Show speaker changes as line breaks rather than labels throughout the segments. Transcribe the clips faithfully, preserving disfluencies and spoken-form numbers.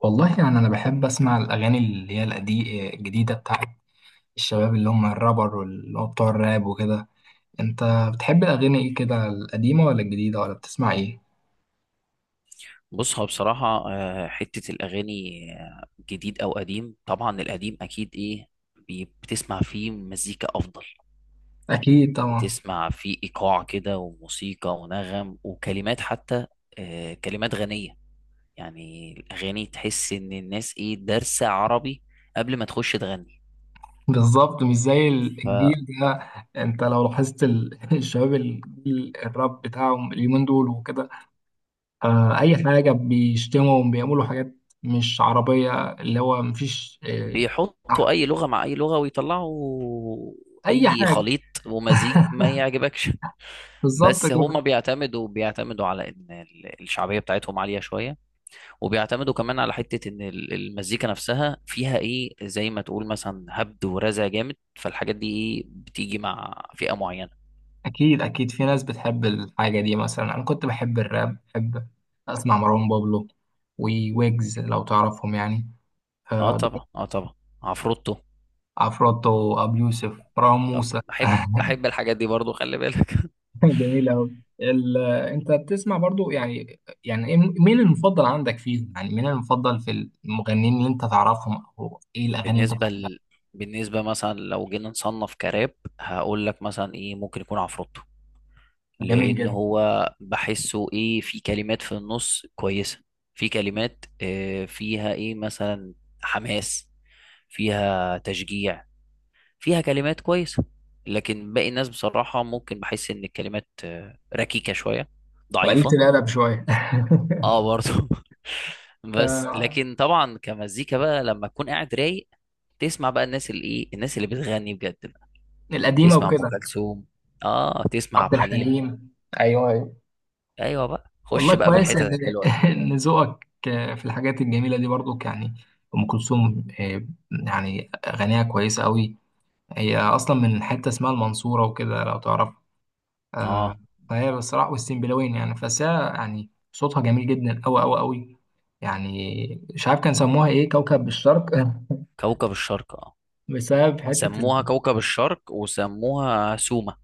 والله يعني أنا بحب أسمع الأغاني اللي هي القديمة الجديدة بتاعت الشباب اللي هم الرابر واللي هو بتوع الراب وكده. أنت بتحب الأغاني إيه كده، القديمة ولا الجديدة ولا بتسمع إيه؟
بص، هو بصراحة آه، حتة الأغاني، آه، جديد أو قديم، طبعا القديم أكيد إيه بي- بتسمع فيه مزيكا أفضل.
أكيد طبعا.
بتسمع فيه إيقاع كده وموسيقى ونغم وكلمات حتى، آه، كلمات غنية. يعني الأغاني تحس إن الناس إيه دارسة عربي قبل ما تخش تغني.
بالظبط، مش زي الجيل ده. أنت لو لاحظت ال- الشباب الجيل الراب بتاعهم اليومين دول وكده، آه، أي حاجة بيشتموا، بيعملوا حاجات مش عربية، اللي هو مفيش آه،
فبيحطوا أي لغة مع أي لغة ويطلعوا
أي
أي
حاجة.
خليط ومزيج ما يعجبكش.
بالظبط
بس
كده.
هما بيعتمدوا بيعتمدوا على ان ال- الشعبيه بتاعتهم عاليه شويه، وبيعتمدوا كمان على حته ان ال- المزيكا نفسها فيها ايه، زي ما تقول مثلا هبد ورزع جامد، فالحاجات دي ايه بتيجي مع فئه معينه.
اكيد اكيد، في ناس بتحب الحاجه دي. مثلا انا كنت بحب الراب، بحب اسمع مروان بابلو وويجز، لو تعرفهم يعني.
اه
آه، دول
طبعا، اه طبعا. عفروتو.
عفروتو، ابو يوسف، مروان
طبعا
موسى.
بحب بحب الحاجات دي برضو، خلي بالك.
جميل أوي. ال... آه، أنت بتسمع برضو يعني، يعني إيه- مين المفضل عندك فيهم؟ يعني مين المفضل في المغنيين اللي أنت تعرفهم، أو إيه الأغاني اللي أنت
بالنسبه
بتحبها؟
ل... بالنسبه مثلا لو جينا نصنف كراب هقول لك مثلا ايه، ممكن يكون عفروتو.
جميل
لان
جدا.
هو بحسه ايه، في كلمات في النص كويسه، في كلمات آه، فيها ايه مثلا، حماس، فيها تشجيع، فيها كلمات كويسه. لكن باقي الناس بصراحه ممكن بحس ان الكلمات آه، ركيكه شويه،
وقلت
ضعيفه.
الأدب شوية.
اه برضه.
ف...
بس لكن طبعا كمزيكا بقى لما تكون قاعد رايق تسمع بقى الناس اللي ايه، الناس اللي بتغني بجد بقى.
القديمة
تسمع ام
وكده.
كلثوم، اه تسمع عبد
عبد
الحليم.
الحليم، أيوه أيوه.
ايوه بقى،
والله
خش بقى
كويس
بالحتت
ان
الحلوه.
ان ذوقك في الحاجات الجميله دي برضو يعني. ام كلثوم، آه، يعني اغانيها كويسه قوي. هي اصلا من حته اسمها المنصوره وكده، لو تعرف. آه.
اه،
فهي بصراحه، والسنبلاوين يعني. بس هي يعني صوتها جميل جدا، قوي قوي قوي. يعني مش عارف كان سموها ايه، كوكب الشرق.
كوكب الشرق اه.
بسبب حته ال...
سموها كوكب الشرق وسموها سوما.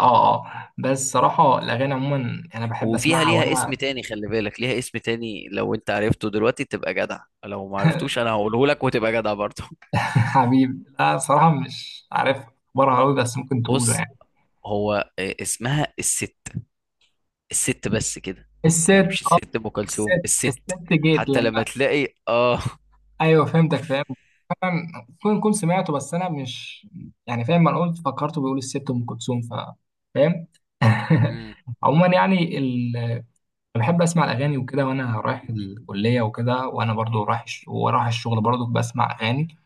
اه اه. بس صراحه الاغاني عموما انا بحب
وفيها
اسمعها
ليها
وانا
اسم تاني، خلي بالك ليها اسم تاني، لو انت عرفته دلوقتي تبقى جدع، لو ما عرفتوش انا هقوله لك وتبقى جدع برضه.
حبيب. لا صراحه مش عارف اخبارها قوي، بس ممكن تقوله
بص،
يعني.
هو آه، اسمها الست، الست بس كده.
الست.
يعني مش
اه
الست ام
الست.
كلثوم، الست.
الست جيت
حتى لما
لما
تلاقي اه.
ايوه، فهمتك، فاهم. فعلا كنت كنت سمعته، بس انا مش يعني فاهم. ما انا قلت فكرته بيقول الست ام كلثوم، ف فاهم.
امم
عموما يعني ال... أنا بحب اسمع الاغاني وكده وانا رايح الكليه وكده، وانا برضو رايح الش... ورايح الشغل، برضو بسمع اغاني.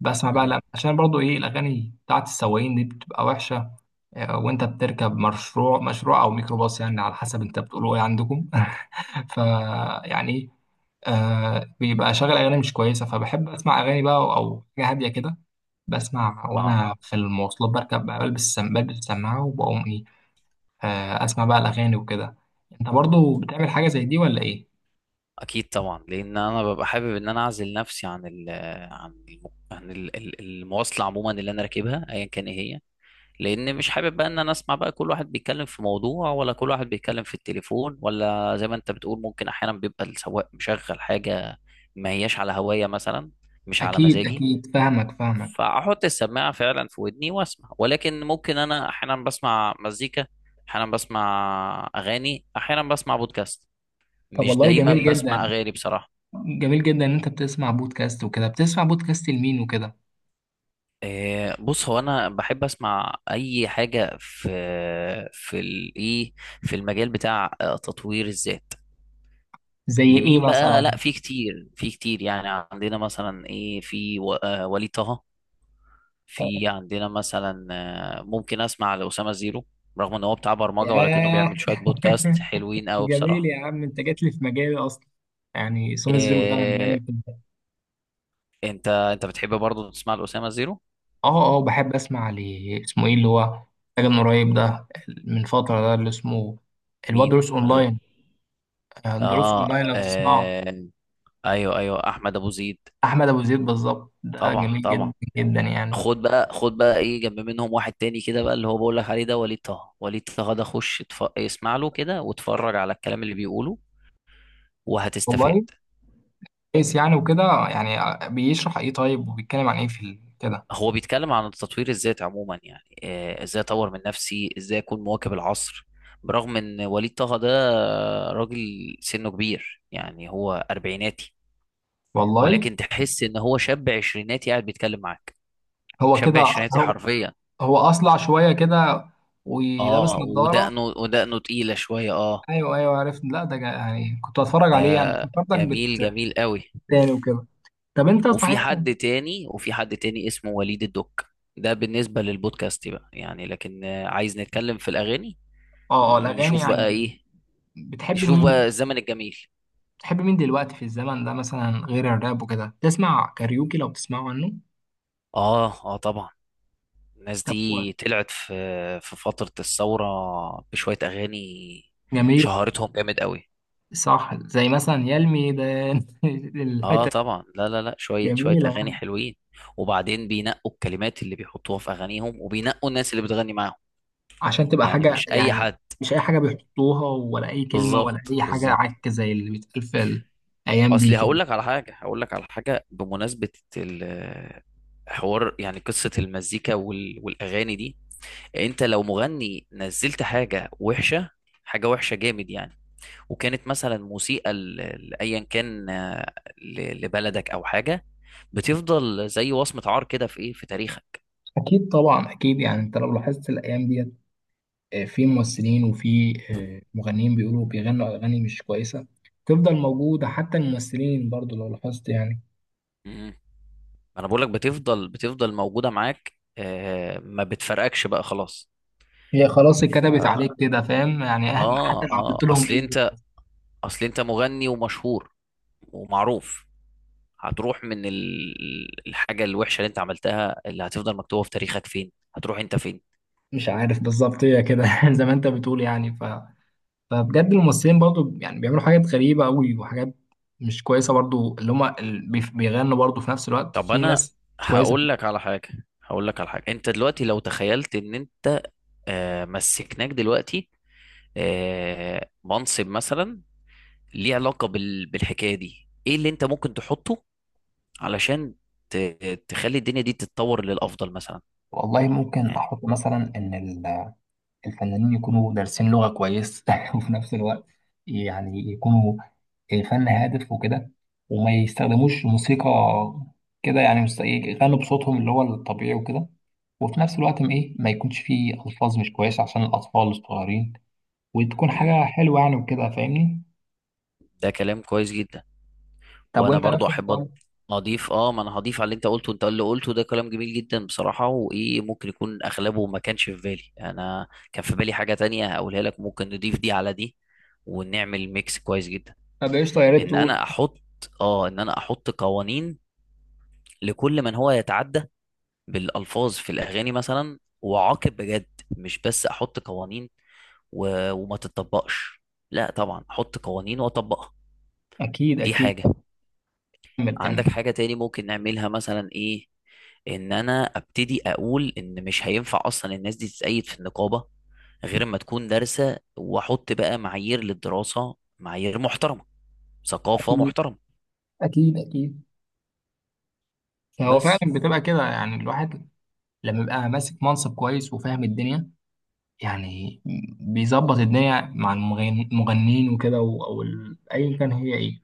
بسمع بقى
امم
لأ... عشان برضو ايه، الاغاني بتاعت السواقين دي بتبقى وحشه. آه، وانت بتركب مشروع مشروع او ميكروباص، يعني على حسب انت بتقولوا ايه عندكم. ف يعني آه بيبقى شغل اغاني مش كويسه، فبحب اسمع اغاني بقى او أو حاجه هاديه كده. بسمع
اه.
وانا في المواصلات، بركب بقى، بلبس سم... بلبس السماعه، وبقوم ايه آه اسمع بقى الاغاني وكده. انت برضو بتعمل حاجه زي دي ولا ايه؟
اكيد طبعا، لان انا ببقى حابب ان انا اعزل نفسي عن ال عن الم... عن ال- ال- المواصله عموما اللي انا راكبها ايا كان ايه هي. لان مش حابب بقى ان انا اسمع بقى كل واحد بيتكلم في موضوع، ولا كل واحد بيتكلم في التليفون، ولا زي ما انت بتقول ممكن احيانا بيبقى السواق مشغل حاجة ما هياش على هواية مثلا، مش على
اكيد
مزاجي.
اكيد، فاهمك فاهمك.
فاحط السماعة فعلا في ودني واسمع. ولكن ممكن انا احيانا بسمع مزيكا، احيانا بسمع اغاني، احيانا بسمع بودكاست.
طب
مش
والله
دايما
جميل جدا،
بسمع اغاني بصراحة.
جميل جدا ان انت بتسمع بودكاست وكده. بتسمع بودكاست لمين وكده؟
إيه، بص، هو انا بحب اسمع اي حاجه في في الايه في المجال بتاع آه، تطوير الذات.
زي ايه
لمين بقى؟
مثلا؟
لا، في كتير، في كتير. يعني عندنا مثلا ايه، في و- آه، وليد طه. في عندنا مثلا، آه، ممكن اسمع لأسامة زيرو، رغم ان هو بتاع برمجة ولكنه
ياه.
بيعمل شوية بودكاست حلوين قوي
جميل
بصراحة.
يا عم، انت جات لي في مجالي اصلا. يعني سومة الزيرو فعلا بيعمل
إيه.
كده.
انت انت بتحب برضه تسمع لأسامة زيرو؟
اه اه، بحب اسمع ل اسمه ايه، اللي هو حاجه من قريب ده، من فتره ده، اللي اسمه الواد
مين
دروس
غ...
اونلاين. آه، دروس
آه,
اونلاين، لو تسمعه.
اه ايوه ايوه، احمد ابو زيد.
احمد ابو زيد، بالظبط، ده
طبعا
جميل جدا
طبعا.
جدا يعني.
خد بقى، خد بقى ايه، جنب منهم واحد تاني كده بقى، اللي هو بقول لك عليه ده، وليد طه. وليد طه ده خش اتف... اسمع له كده واتفرج على الكلام اللي بيقوله وهتستفاد.
والله كويس
مم.
يعني وكده. يعني آه، بيشرح ايه طيب، وبيتكلم عن ايه في ال- كده.
هو بيتكلم عن التطوير الذاتي عموما. يعني آه، ازاي اطور من نفسي، ازاي اكون مواكب العصر. برغم ان وليد طه ده راجل سنه كبير، يعني هو اربعيناتي،
والله.
ولكن تحس ان هو شاب عشريناتي قاعد بيتكلم معاك.
هو
شاب
كده،
عشريناتي
هو
حرفيا.
هو اصلع شويه كده، ولابس
اه،
نظاره.
ودقنه، ودقنه تقيلة شوية اه.
ايوه ايوه عرفت. لا ده جا- يعني كنت بتفرج عليه. انا فكرتك
جميل،
بت-
جميل قوي.
تاني وكده. طب انت
وفي
صحيح اه.
حد تاني وفي حد تاني اسمه وليد الدك. ده بالنسبة للبودكاست بقى يعني. لكن آه، عايز نتكلم في الأغاني،
اه الاغاني
نشوف بقى
يعني
إيه.
بتحب
نشوف بقى
مين؟
الزمن الجميل.
بتحب مين دلوقتي في الزمن ده، مثلا غير الراب وكده؟ تسمع كاريوكي، لو بتسمعوا عنه؟
آه آه طبعا، الناس
طب و-
دي طلعت في في فترة الثورة بشوية أغاني.
جميل.
شهرتهم جامد قوي.
صح، زي مثلا يا الميدان.
آه
الحتة
طبعا. لا لا لا، شوية شوية
جميلة
أغاني
يعني.
حلوين. وبعدين بينقوا الكلمات اللي بيحطوها في أغانيهم، وبينقوا الناس اللي بتغني معاهم.
عشان تبقى
يعني
حاجة
مش أي
يعني،
حد.
مش أي حاجة بيحطوها، ولا أي كلمة، ولا
بالظبط
أي حاجة
بالظبط.
عك زي اللي بيتقال في الأيام دي
اصلي هقول
كده.
لك على حاجه، هقول لك على حاجه، بمناسبه ال- حوار يعني، قصه المزيكا وال... والاغاني دي. انت لو مغني نزلت حاجه وحشه، حاجه وحشه جامد يعني، وكانت مثلا موسيقى ل- لايا كان، آه، ل... لبلدك او حاجه، بتفضل زي وصمه عار كده في ايه، في تاريخك.
أكيد طبعا، أكيد. يعني أنت لو لاحظت الأيام ديت، آه، في ممثلين، وفي آه، مغنيين بيقولوا بيغنوا أغاني مش كويسة، تفضل موجودة. حتى الممثلين برضو، لو لاحظت يعني.
مم. انا بقول لك بتفضل، بتفضل موجوده معاك، آه، ما بتفرقكش بقى خلاص.
هي خلاص
ف
اتكتبت عليك كده، فاهم يعني، أهم
اه
حتى لو عملت
اه،
لهم
اصل
ايه.
انت اصل انت مغني ومشهور ومعروف. هتروح من ال- الحاجة الوحشة اللي انت عملتها اللي هتفضل مكتوبة في تاريخك؟ فين هتروح انت فين؟
مش عارف بالظبط، هي كده زي ما انت بتقول يعني. ف... فبجد الممثلين برضو يعني بيعملوا حاجات غريبة قوي، وحاجات مش كويسة برضو، اللي هما ال- بيف- بيغنوا برضو في نفس الوقت،
طب
في
انا
ناس مش كويسة.
هقول لك على حاجة هقول لك على حاجة. انت دلوقتي لو تخيلت ان انت، آه، مسكناك دلوقتي آه، منصب مثلا ليه علاقة بال- بالحكاية دي، ايه اللي انت ممكن تحطه علشان ت- تخلي الدنيا دي تتطور للأفضل مثلا،
والله ممكن
يعني؟
احط مثلا ان ال الفنانين يكونوا دارسين لغة كويس، وفي نفس الوقت يعني يكونوا فن هادف وكده، وما يستخدموش موسيقى كده يعني، مست- يغنوا بصوتهم اللي هو الطبيعي وكده، وفي نفس الوقت ما ايه، ما يكونش فيه ألفاظ مش كويسة، عشان الأطفال الصغيرين، وتكون
مم،
حاجة حلوة يعني وكده، فاهمني.
ده كلام كويس جدا.
طب
وانا
وانت
برضو
نفسك
احب أض-
طب.
اضيف اه، ما انا هضيف على اللي انت قلته. انت اللي قلته ده كلام جميل جدا بصراحة، وايه ممكن يكون اغلبه ما كانش في بالي. انا كان في بالي حاجة تانية هقولها لك، ممكن نضيف دي على دي ونعمل ميكس كويس جدا.
طب قشطة، يا ريت
ان
تقول.
انا احط، اه ان انا احط قوانين لكل من هو يتعدى بالالفاظ في الاغاني مثلا، واعاقب بجد. مش بس احط قوانين و... وما تتطبقش، لا طبعا احط قوانين واطبقها.
أكيد
دي
أكيد.
حاجة.
كمل كمل.
عندك حاجة تاني ممكن نعملها مثلا ايه، ان انا ابتدي اقول ان مش هينفع اصلا الناس دي تتأيد في النقابة غير ما تكون دارسة، واحط بقى معايير للدراسة، معايير محترمة، ثقافة
أكيد
محترمة.
أكيد أكيد. هو فعلا
بس.
بتبقى كده يعني، الواحد لما يبقى ماسك منصب كويس وفاهم الدنيا، يعني بيظبط الدنيا مع المغن- المغنيين وكده، و- او ال- ايا كان هي ايه.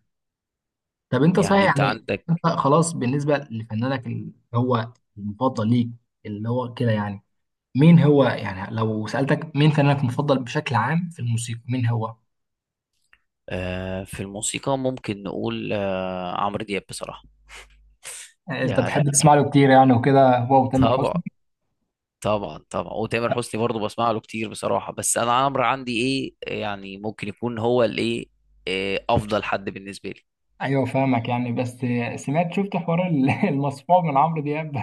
طب انت
يعني
صحيح
انت
يعني،
عندك،
انت خلاص بالنسبه لفنانك اللي هو المفضل ليك، اللي هو كده يعني، مين هو؟ يعني لو سالتك مين فنانك المفضل بشكل عام في الموسيقى، مين هو؟
آه، في الموسيقى ممكن نقول آه، عمرو دياب بصراحة.
يعني انت بتحب
يعني
تسمع له كتير يعني وكده، هو وتامر
طبعا.
حسني؟
طبعا طبعا، وتامر حسني برضه بسمع له كتير بصراحة، بس انا عمرو عندي ايه، يعني ممكن يكون هو الايه، إيه، افضل حد بالنسبة لي.
ايوه فاهمك يعني. بس سمعت شفت حوار ال- المصفوع من عمرو دياب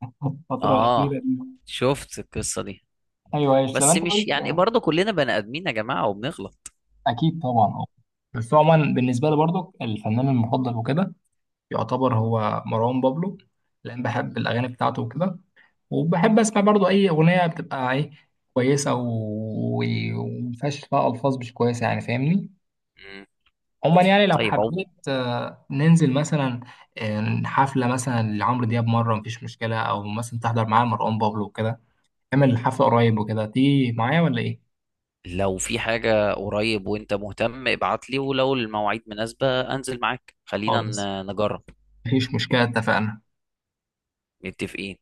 الفتره
اه،
الاخيره دي؟
شفت القصة دي.
ايوه ايوه، زي ما
بس
انت
مش يعني،
قلت.
برضه كلنا بني آدمين يا جماعة وبنغلط.
اكيد طبعا اه. بس عموما بالنسبه لي برضو، الفنان المفضل وكده يعتبر هو مروان بابلو، لان بحب الاغاني بتاعته وكده، وبحب اسمع برضو اي اغنيه بتبقى ايه كويسه و- ومفيهاش، فيها الفاظ مش كويسه يعني، فاهمني.
مم.
عموما يعني لو
طيب. أو
حبيت آه، ننزل مثلا آه، حفله مثلا لعمرو دياب مره، مفيش مشكله، او مثلا تحضر معايا مروان بابلو وكده، نعمل حفله قريب وكده، تيجي معايا ولا ايه؟
لو في حاجة قريب وأنت مهتم ابعت لي، ولو المواعيد مناسبة أنزل معاك، خلينا
خالص،
ن- نجرب.
مفيش مشكله، اتفقنا.
متفقين.